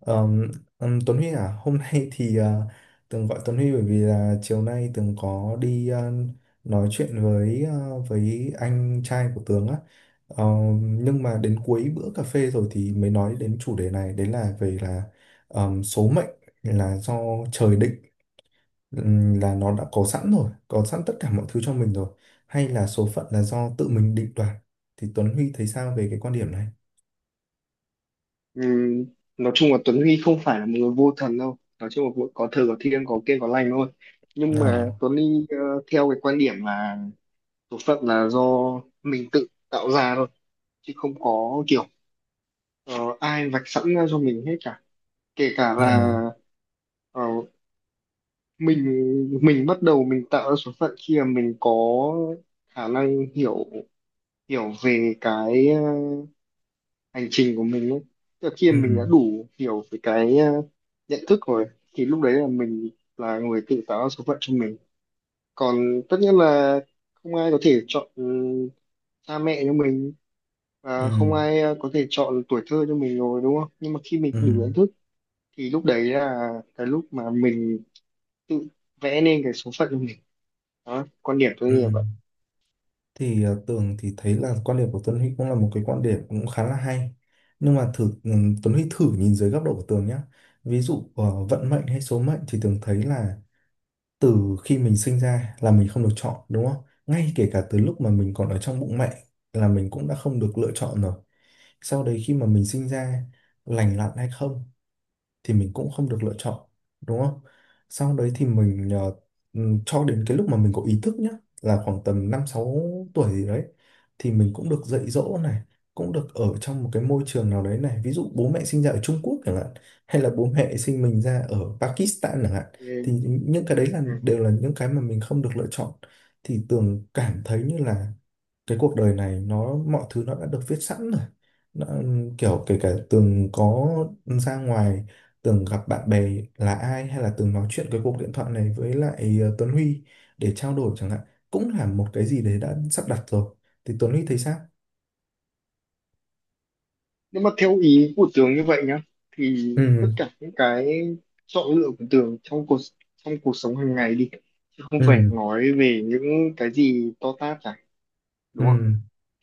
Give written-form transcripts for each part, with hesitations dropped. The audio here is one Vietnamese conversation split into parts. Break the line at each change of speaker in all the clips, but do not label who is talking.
Ờm, Tuấn Huy à, hôm nay Tường gọi Tuấn Huy bởi vì là chiều nay Tường có đi, nói chuyện với anh trai của Tường á. Nhưng mà đến cuối bữa cà phê rồi thì mới nói đến chủ đề này, đấy là về là số mệnh là do trời định, là nó đã có sẵn rồi, có sẵn tất cả mọi thứ cho mình rồi, hay là số phận là do tự mình định đoạt. Thì Tuấn Huy thấy sao về cái quan điểm này?
Ừ, nói chung là Tuấn Huy không phải là một người vô thần đâu, nói chung là cũng có thờ có thiêng có kiêng có lành thôi, nhưng mà
À,
Tuấn Huy theo cái quan điểm là số phận là do mình tự tạo ra thôi, chứ không có kiểu ờ, ai vạch sẵn ra cho mình hết cả, kể cả là
à,
ờ, mình mình bắt đầu mình tạo ra số phận khi mà mình có khả năng hiểu hiểu về cái hành trình của mình ấy. Tức là khi
ừ,
mà mình đã đủ hiểu về cái nhận thức rồi thì lúc đấy là mình là người tự tạo ra số phận cho mình, còn tất nhiên là không ai có thể chọn cha mẹ cho mình,
ừ,
và không ai có thể chọn tuổi thơ cho mình rồi, đúng không? Nhưng mà khi mình
ừ.
đủ nhận thức thì lúc đấy là cái lúc mà mình tự vẽ nên cái số phận của mình. Đó, quan điểm tôi như
Ừ.
vậy.
Tường thì thấy là quan điểm của Tuấn Huy cũng là một cái quan điểm cũng khá là hay nhưng mà thử, Tuấn Huy thử nhìn dưới góc độ của Tường nhá, ví dụ, vận mệnh hay số mệnh thì Tường thấy là từ khi mình sinh ra là mình không được chọn đúng không? Ngay kể cả từ lúc mà mình còn ở trong bụng mẹ là mình cũng đã không được lựa chọn rồi. Sau đấy khi mà mình sinh ra lành lặn hay không thì mình cũng không được lựa chọn đúng không? Sau đấy thì mình, cho đến cái lúc mà mình có ý thức nhá là khoảng tầm 5 6 tuổi gì đấy thì mình cũng được dạy dỗ này, cũng được ở trong một cái môi trường nào đấy này, ví dụ bố mẹ sinh ra ở Trung Quốc chẳng hạn hay là bố mẹ sinh mình ra ở Pakistan chẳng hạn,
Ừ.
thì những cái đấy là đều là những cái mà mình không được lựa chọn, thì Tường cảm thấy như là cái cuộc đời này nó mọi thứ nó đã được viết sẵn rồi, nó kiểu kể cả Tường có ra ngoài Tường gặp bạn bè là ai, hay là Tường nói chuyện cái cuộc điện thoại này với lại Tuấn Huy để trao đổi chẳng hạn, cũng là một cái gì đấy đã sắp đặt rồi. Thì Tuấn Huy thấy sao?
Nếu mà theo ý của Tường như vậy nhá, thì tất
Ừ,
cả những cái chọn lựa của Tường trong cuộc sống hàng ngày đi, chứ không phải
ừ,
nói về những cái gì to tát cả, đúng không,
ừ,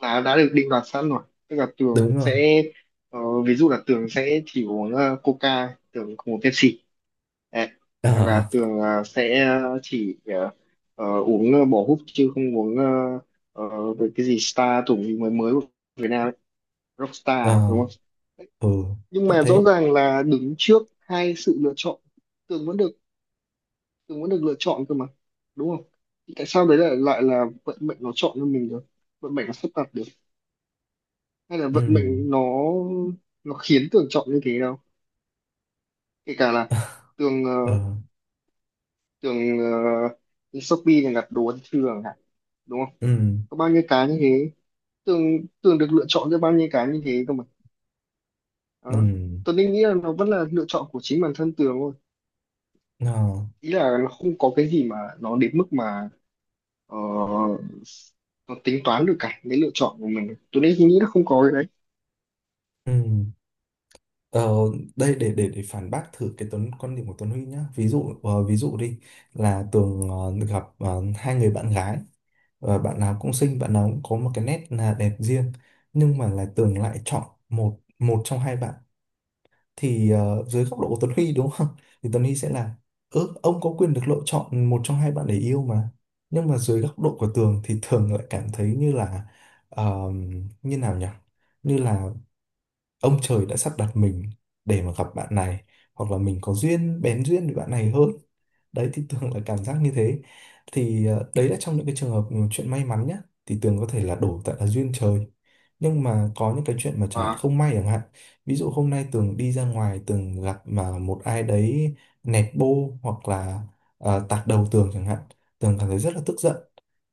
là đã được định đoạt sẵn rồi, tức là Tường
đúng rồi,
sẽ ờ, ví dụ là Tường sẽ chỉ uống Coca, Tường không uống Pepsi. Đấy.
ờ,
Hoặc là Tường sẽ chỉ uống bỏ húp, chứ không uống về cái gì Star tưởng gì mới mới của Việt Nam ấy.
ờ,
Rockstar đúng không?
ừ,
Nhưng
chắc
mà rõ
thế,
ràng là đứng trước hai sự lựa chọn, Tường vẫn được Tường vẫn được lựa chọn cơ mà, đúng không? Thì tại sao đấy lại lại là vận mệnh nó chọn cho mình được, vận mệnh nó sắp đặt được, hay là
ừ,
vận mệnh nó khiến Tường chọn như thế đâu? Kể cả là Tường
ờ,
Tường đi Shopee là đặt đồ ăn trưa chẳng hạn, đúng không,
ừ,
có bao nhiêu cái như thế, Tường Tường được lựa chọn cho bao nhiêu cái như thế cơ mà.
ừ,
Đó, Tường nghĩ là nó vẫn là lựa chọn của chính bản thân Tường thôi,
Ờ,
ý là nó không có cái gì mà nó đến mức mà ờ, nó tính toán được cả cái lựa chọn của mình, tôi đấy nghĩ là không có cái đấy.
ừ. Ờ, đây để phản bác thử cái Tuấn quan điểm của Tuấn Huy nhá. Ví dụ đi, là Tường được gặp hai người bạn gái. Ờ, bạn nào cũng xinh, bạn nào cũng có một cái nét là đẹp riêng, nhưng mà là Tường lại chọn một một trong hai bạn, thì ờ, dưới góc độ của Tuấn Huy đúng không? Thì Tuấn Huy sẽ là, ừ, ông có quyền được lựa chọn một trong hai bạn để yêu mà. Nhưng mà dưới góc độ của Tường thì Tường lại cảm thấy như là, ờ, như nào nhỉ? Như là ông trời đã sắp đặt mình để mà gặp bạn này, hoặc là mình có duyên bén duyên với bạn này hơn. Đấy thì Tường là cảm giác như thế. Đấy là trong những cái trường hợp mà chuyện may mắn nhá, thì Tường có thể là đổ tại là duyên trời, nhưng mà có những cái chuyện mà chẳng hạn
À,
không may chẳng hạn, ví dụ hôm nay Tường đi ra ngoài Tường gặp mà một ai đấy nẹt bô hoặc là tạt đầu Tường chẳng hạn, Tường cảm thấy rất là tức giận,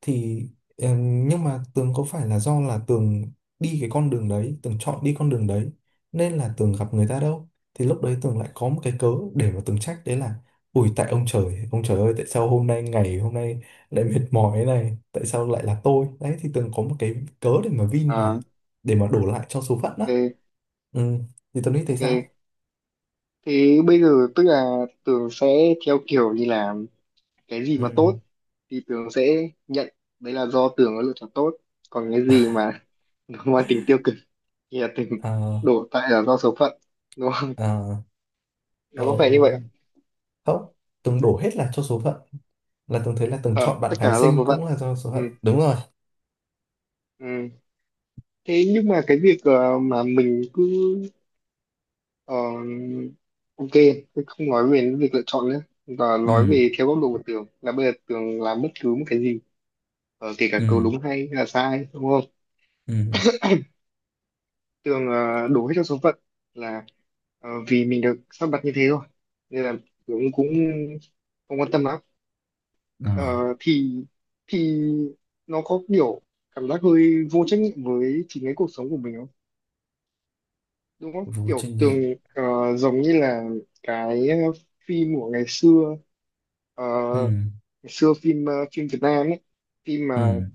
thì nhưng mà Tường có phải là do là Tường đi cái con đường đấy Tường chọn đi con đường đấy nên là Tường gặp người ta đâu, thì lúc đấy Tường lại có một cái cớ để mà Tường trách đấy là ủi tại ông trời ơi tại sao hôm nay ngày hôm nay lại mệt mỏi thế này tại sao lại là tôi, đấy thì Tường có một cái cớ để mà vin vào
à,
để mà đổ lại cho số phận đó.
ok,
Ừ. Thì Tường nghĩ thấy sao?
ok, thế bây giờ tức là Tường sẽ theo kiểu như là cái gì
Ừ.
mà tốt thì Tường sẽ nhận đấy là do Tường có lựa chọn tốt, còn cái gì mà nó mang tính tiêu cực thì là Tường
À,
đổ tại là do số phận, đúng không,
à, ờ,
nó có phải như vậy không?
không, Tường đổ hết là cho số phận, là Tường thấy là Tường
Ờ,
chọn bạn
tất cả
gái
là do
xinh
số phận.
cũng là do số phận
Ừ,
đúng rồi.
ừ. Thế nhưng mà cái việc mà mình cứ Ờ, ok, thế không nói về những việc lựa chọn nữa, và
Ừ,
nói về theo góc độ của Tường là bây giờ Tường làm bất cứ một cái gì, kể cả câu
ừ,
đúng hay là sai, đúng không?
ừ,
Tường đổ hết cho số phận, là vì mình được sắp đặt như thế thôi, nên là Tường cũng không quan tâm lắm.
à,
Ờ, thì thì nó có kiểu cảm giác hơi vô trách nhiệm với chính cái cuộc sống của mình không? Đúng không?
vô trách
Kiểu Tường
nhiệm,
ờ, giống như là cái phim của ngày xưa, ờ,
ừ,
ngày xưa phim phim Việt Nam ấy, phim mà
ừ,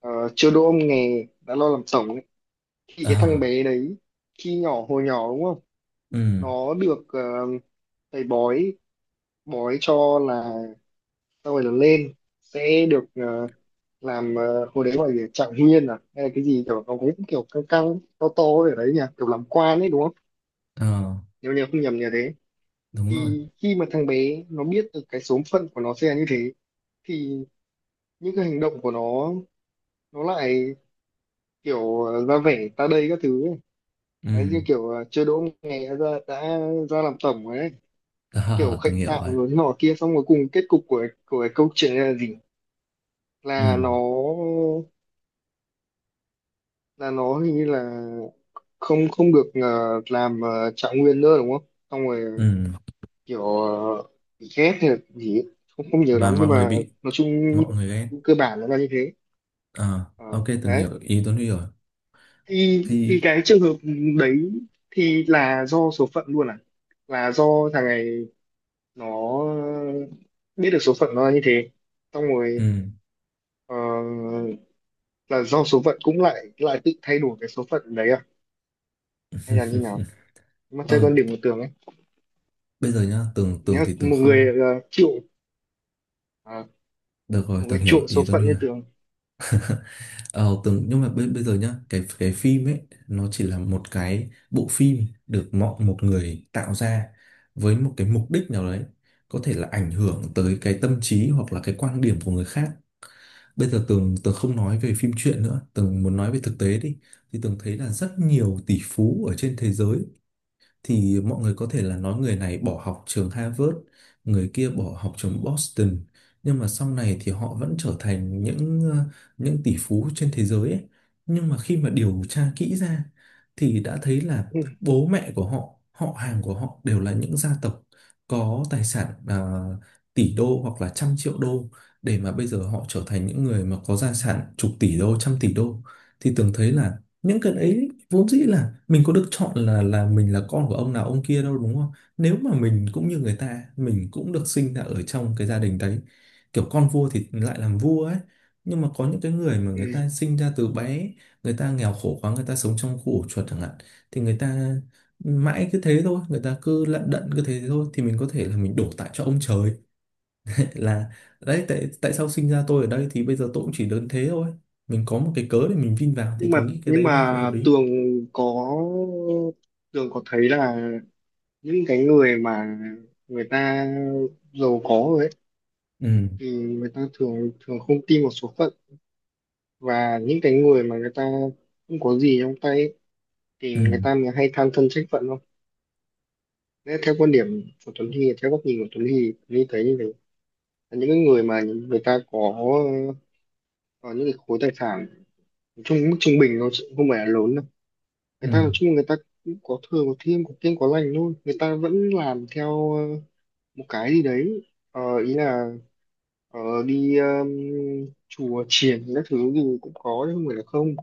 ờ, chưa đỗ ông nghề đã lo làm tổng ấy, thì cái thằng
à,
bé đấy khi nhỏ hồi nhỏ đúng không,
ừ,
nó được thầy bói bói cho là sau này lớn lên sẽ được làm hồi đấy gọi là trạng nguyên à, hay là cái gì kiểu nó cũng kiểu căng căng to to ở đấy nhỉ, kiểu làm quan ấy đúng không,
ờ,
nếu nhớ không nhầm nhờ thế.
đúng rồi,
Thì khi mà thằng bé nó biết được cái số phận của nó sẽ là như thế, thì những cái hành động của nó lại kiểu ra vẻ ta đây các thứ ấy. Đấy, như
ừ,
kiểu chưa đỗ nghề đã, đã ra làm tổng rồi ấy. Nó kiểu
à, từng
khệnh
hiểu
khạo
rồi,
rồi thế nọ kia, xong rồi cùng kết cục của cái câu chuyện này là gì, là
ừ,
nó hình như là không không được làm trạng nguyên nữa đúng không, xong rồi
ừ,
kiểu bị ghét hay là gì ấy. Không không nhiều
và
lắm nhưng
mọi người
mà
bị
nói chung
mọi người ghét,
cơ bản nó là như thế.
ờ,
Ờ,
ok, từng
đấy,
hiểu ý Tuấn Huy rồi,
thì
thì
cái trường hợp đấy thì là do số phận luôn à, là do thằng này nó biết được số phận nó là như thế, xong rồi
ừ,
ờ, là do số phận cũng lại lại tự thay đổi cái số phận đấy à, hay là như nào mà chơi
ờ,
con điểm của Tường ấy?
bây giờ nhá, tưởng tưởng
Nếu
thì tưởng
một người
không
ờ, chịu ờ,
được rồi,
một cái
tưởng hiểu
chuộng số
ý Tuấn
phận
Huy
như
rồi.
Tường.
Ờ, tưởng nhưng mà bây giờ nhá, cái phim ấy, nó chỉ là một cái bộ phim được mọi một người tạo ra với một cái mục đích nào đấy, có thể là ảnh hưởng tới cái tâm trí hoặc là cái quan điểm của người khác. Bây giờ Tường Tường không nói về phim truyện nữa, Tường muốn nói về thực tế đi. Thì Tường thấy là rất nhiều tỷ phú ở trên thế giới thì mọi người có thể là nói người này bỏ học trường Harvard, người kia bỏ học trường Boston, nhưng mà sau này thì họ vẫn trở thành những những tỷ phú trên thế giới ấy. Nhưng mà khi mà điều tra kỹ ra thì đã thấy là
Ừ.
bố mẹ của họ, họ hàng của họ đều là những gia tộc có tài sản tỷ đô hoặc là trăm triệu đô, để mà bây giờ họ trở thành những người mà có gia sản chục tỷ đô, trăm tỷ đô, thì tưởng thấy là những cái đấy vốn dĩ là mình có được chọn là mình là con của ông nào ông kia đâu đúng không, nếu mà mình cũng như người ta mình cũng được sinh ra ở trong cái gia đình đấy kiểu con vua thì lại làm vua ấy, nhưng mà có những cái người mà người
Ừ.
ta sinh ra từ bé người ta nghèo khổ quá người ta sống trong khu ổ chuột chẳng hạn, thì người ta mãi cứ thế thôi người ta cứ lận đận cứ thế thôi, thì mình có thể là mình đổ tại cho ông trời là đấy tại tại sao sinh ra tôi ở đây thì bây giờ tôi cũng chỉ đơn thế thôi, mình có một cái cớ để mình vin vào, thì
nhưng mà
tôi nghĩ cái
nhưng
đấy nó sẽ
mà
hợp lý.
Tường có thấy là những cái người mà người ta giàu có rồi ấy,
Ừ,
thì người ta thường thường không tin vào số phận, và những cái người mà người ta không có gì trong tay ấy, thì
ừ,
người ta mới hay than thân trách phận không? Nếu theo quan điểm của Tuấn Huy, theo góc nhìn của Tuấn Huy, Tuấn Huy thấy như vậy, là những cái người mà người ta có những cái khối tài sản trung mức trung bình nó sẽ không phải là lớn đâu, người ta nói
ừ,
chung là người ta cũng có thừa có thiêm có kiêng có lành luôn, người ta vẫn làm theo một cái gì đấy. Ờ, ý là ờ, đi chùa chiền các thứ gì cũng có chứ không phải là không,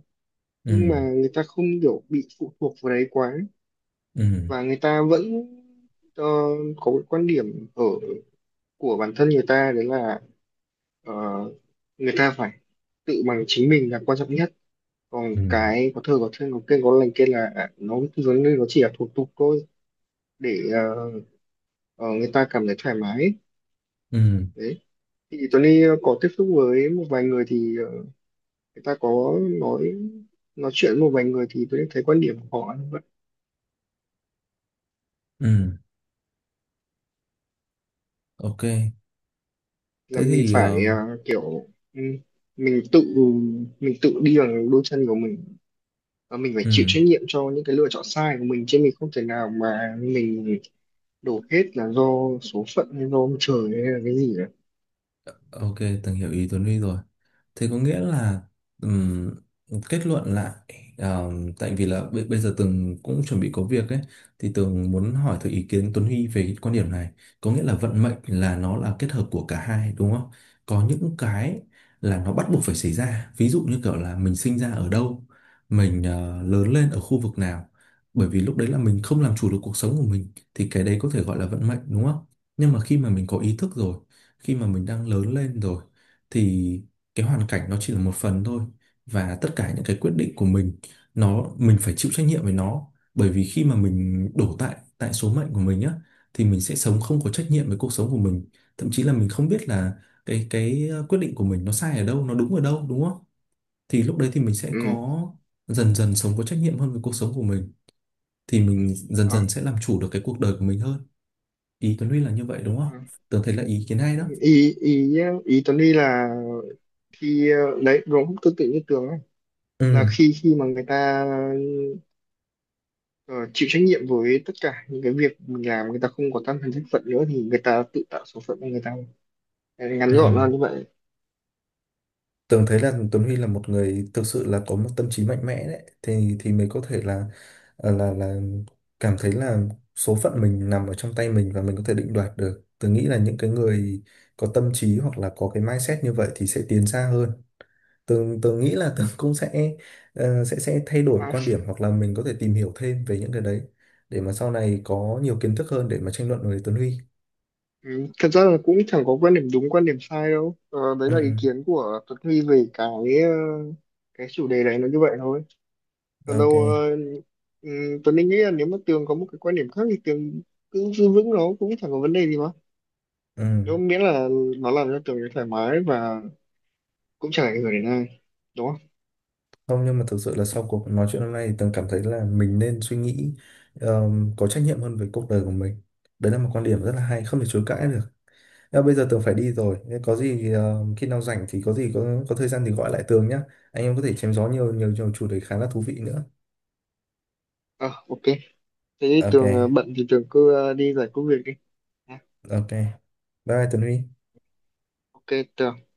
nhưng mà
ừ,
người ta không kiểu bị phụ thuộc vào đấy quá,
ừ,
và người ta vẫn ờ, có cái quan điểm ở của bản thân người ta, đấy là ờ, người ta phải tự bằng chính mình là quan trọng nhất, còn
ừ,
cái có thơ có kênh có lành kia là à, nó chỉ là thủ tục thôi để người ta cảm thấy thoải mái.
ừ,
Đấy, thì Tony có tiếp xúc với một vài người thì người ta có nói chuyện với một vài người thì tôi thấy quan điểm của họ như vậy.
ừ, ok,
Là
thế
mình
thì ờ,
phải kiểu ừ, mình tự mình tự đi bằng đôi chân của mình, và mình phải chịu
ừ.
trách nhiệm cho những cái lựa chọn sai của mình, chứ mình không thể nào mà mình đổ hết là do số phận hay do ông trời hay là cái gì cả.
Ok, từng hiểu ý Tuấn Huy rồi. Thế có nghĩa là ừm, kết luận lại ờ, tại vì là bây giờ Tường cũng chuẩn bị có việc ấy, thì Tường muốn hỏi thử ý kiến Tuấn Huy về cái quan điểm này. Có nghĩa là vận mệnh là nó là kết hợp của cả hai đúng không? Có những cái là nó bắt buộc phải xảy ra. Ví dụ như kiểu là mình sinh ra ở đâu, mình lớn lên ở khu vực nào. Bởi vì lúc đấy là mình không làm chủ được cuộc sống của mình thì cái đấy có thể gọi là vận mệnh đúng không? Nhưng mà khi mà mình có ý thức rồi, khi mà mình đang lớn lên rồi, thì cái hoàn cảnh nó chỉ là một phần thôi, và tất cả những cái quyết định của mình nó mình phải chịu trách nhiệm với nó, bởi vì khi mà mình đổ tại tại số mệnh của mình á thì mình sẽ sống không có trách nhiệm với cuộc sống của mình, thậm chí là mình không biết là cái quyết định của mình nó sai ở đâu nó đúng ở đâu đúng không, thì lúc đấy thì mình sẽ
Ừ.
có dần dần sống có trách nhiệm hơn với cuộc sống của mình, thì mình dần
À,
dần sẽ làm chủ được cái cuộc đời của mình hơn, ý Tuấn Huy là như vậy đúng không?
à.
Tớ thấy là ý kiến hay đó.
Ý ý Ý Tuấn đi là khi đấy đúng tương tự như Tường ấy, là
Ừ,
khi khi mà người ta ờ, chịu trách nhiệm với tất cả những cái việc mình làm, người ta không có tâm thần trách phận nữa, thì người ta tự tạo số phận của người ta. Đấy, ngắn gọn là
ừ,
như vậy.
Tường thấy là Tuấn Huy là một người thực sự là có một tâm trí mạnh mẽ đấy, thì mới có thể là ờ, là là cảm thấy là số phận mình nằm ở trong tay mình và mình có thể định đoạt được. Tường nghĩ là những cái người có tâm trí hoặc là có cái mindset như vậy thì sẽ tiến xa hơn. Tường tường nghĩ là Tường cũng sẽ sẽ thay đổi
À,
quan điểm hoặc là mình có thể tìm hiểu thêm về những cái đấy để mà sau này có nhiều kiến thức hơn để mà tranh luận với Tuấn Huy.
ừ, thật ra là cũng chẳng có quan điểm đúng quan điểm sai đâu. Ờ, đấy là ý
Ừ,
kiến của Tuấn Huy về cái ờ, cái chủ đề này nó như vậy thôi, còn
ok.
đâu Tuấn Linh nghĩ là nếu mà Tường có một cái quan điểm khác thì Tường cứ giữ vững, nó cũng chẳng có vấn đề gì mà,
Ừ.
nếu miễn là nó làm cho Tường thấy thoải mái và cũng chẳng ảnh hưởng đến ai, đúng không?
Không nhưng mà thực sự là sau cuộc nói chuyện hôm nay thì Tường cảm thấy là mình nên suy nghĩ có trách nhiệm hơn về cuộc đời của mình. Đấy là một quan điểm rất là hay, không thể chối cãi được. Nhưng bây giờ Tường phải đi rồi. Thế có gì, khi nào rảnh thì có gì có thời gian thì gọi lại Tường nhé. Anh em có thể chém gió nhiều nhiều nhiều chủ đề khá là thú vị nữa.
À, ok, thế thì
Ok,
Tường bận thì Tường cứ đi giải quyết việc đi. Nha.
ok. Bye bye Tường Huy.
Ok, Tường.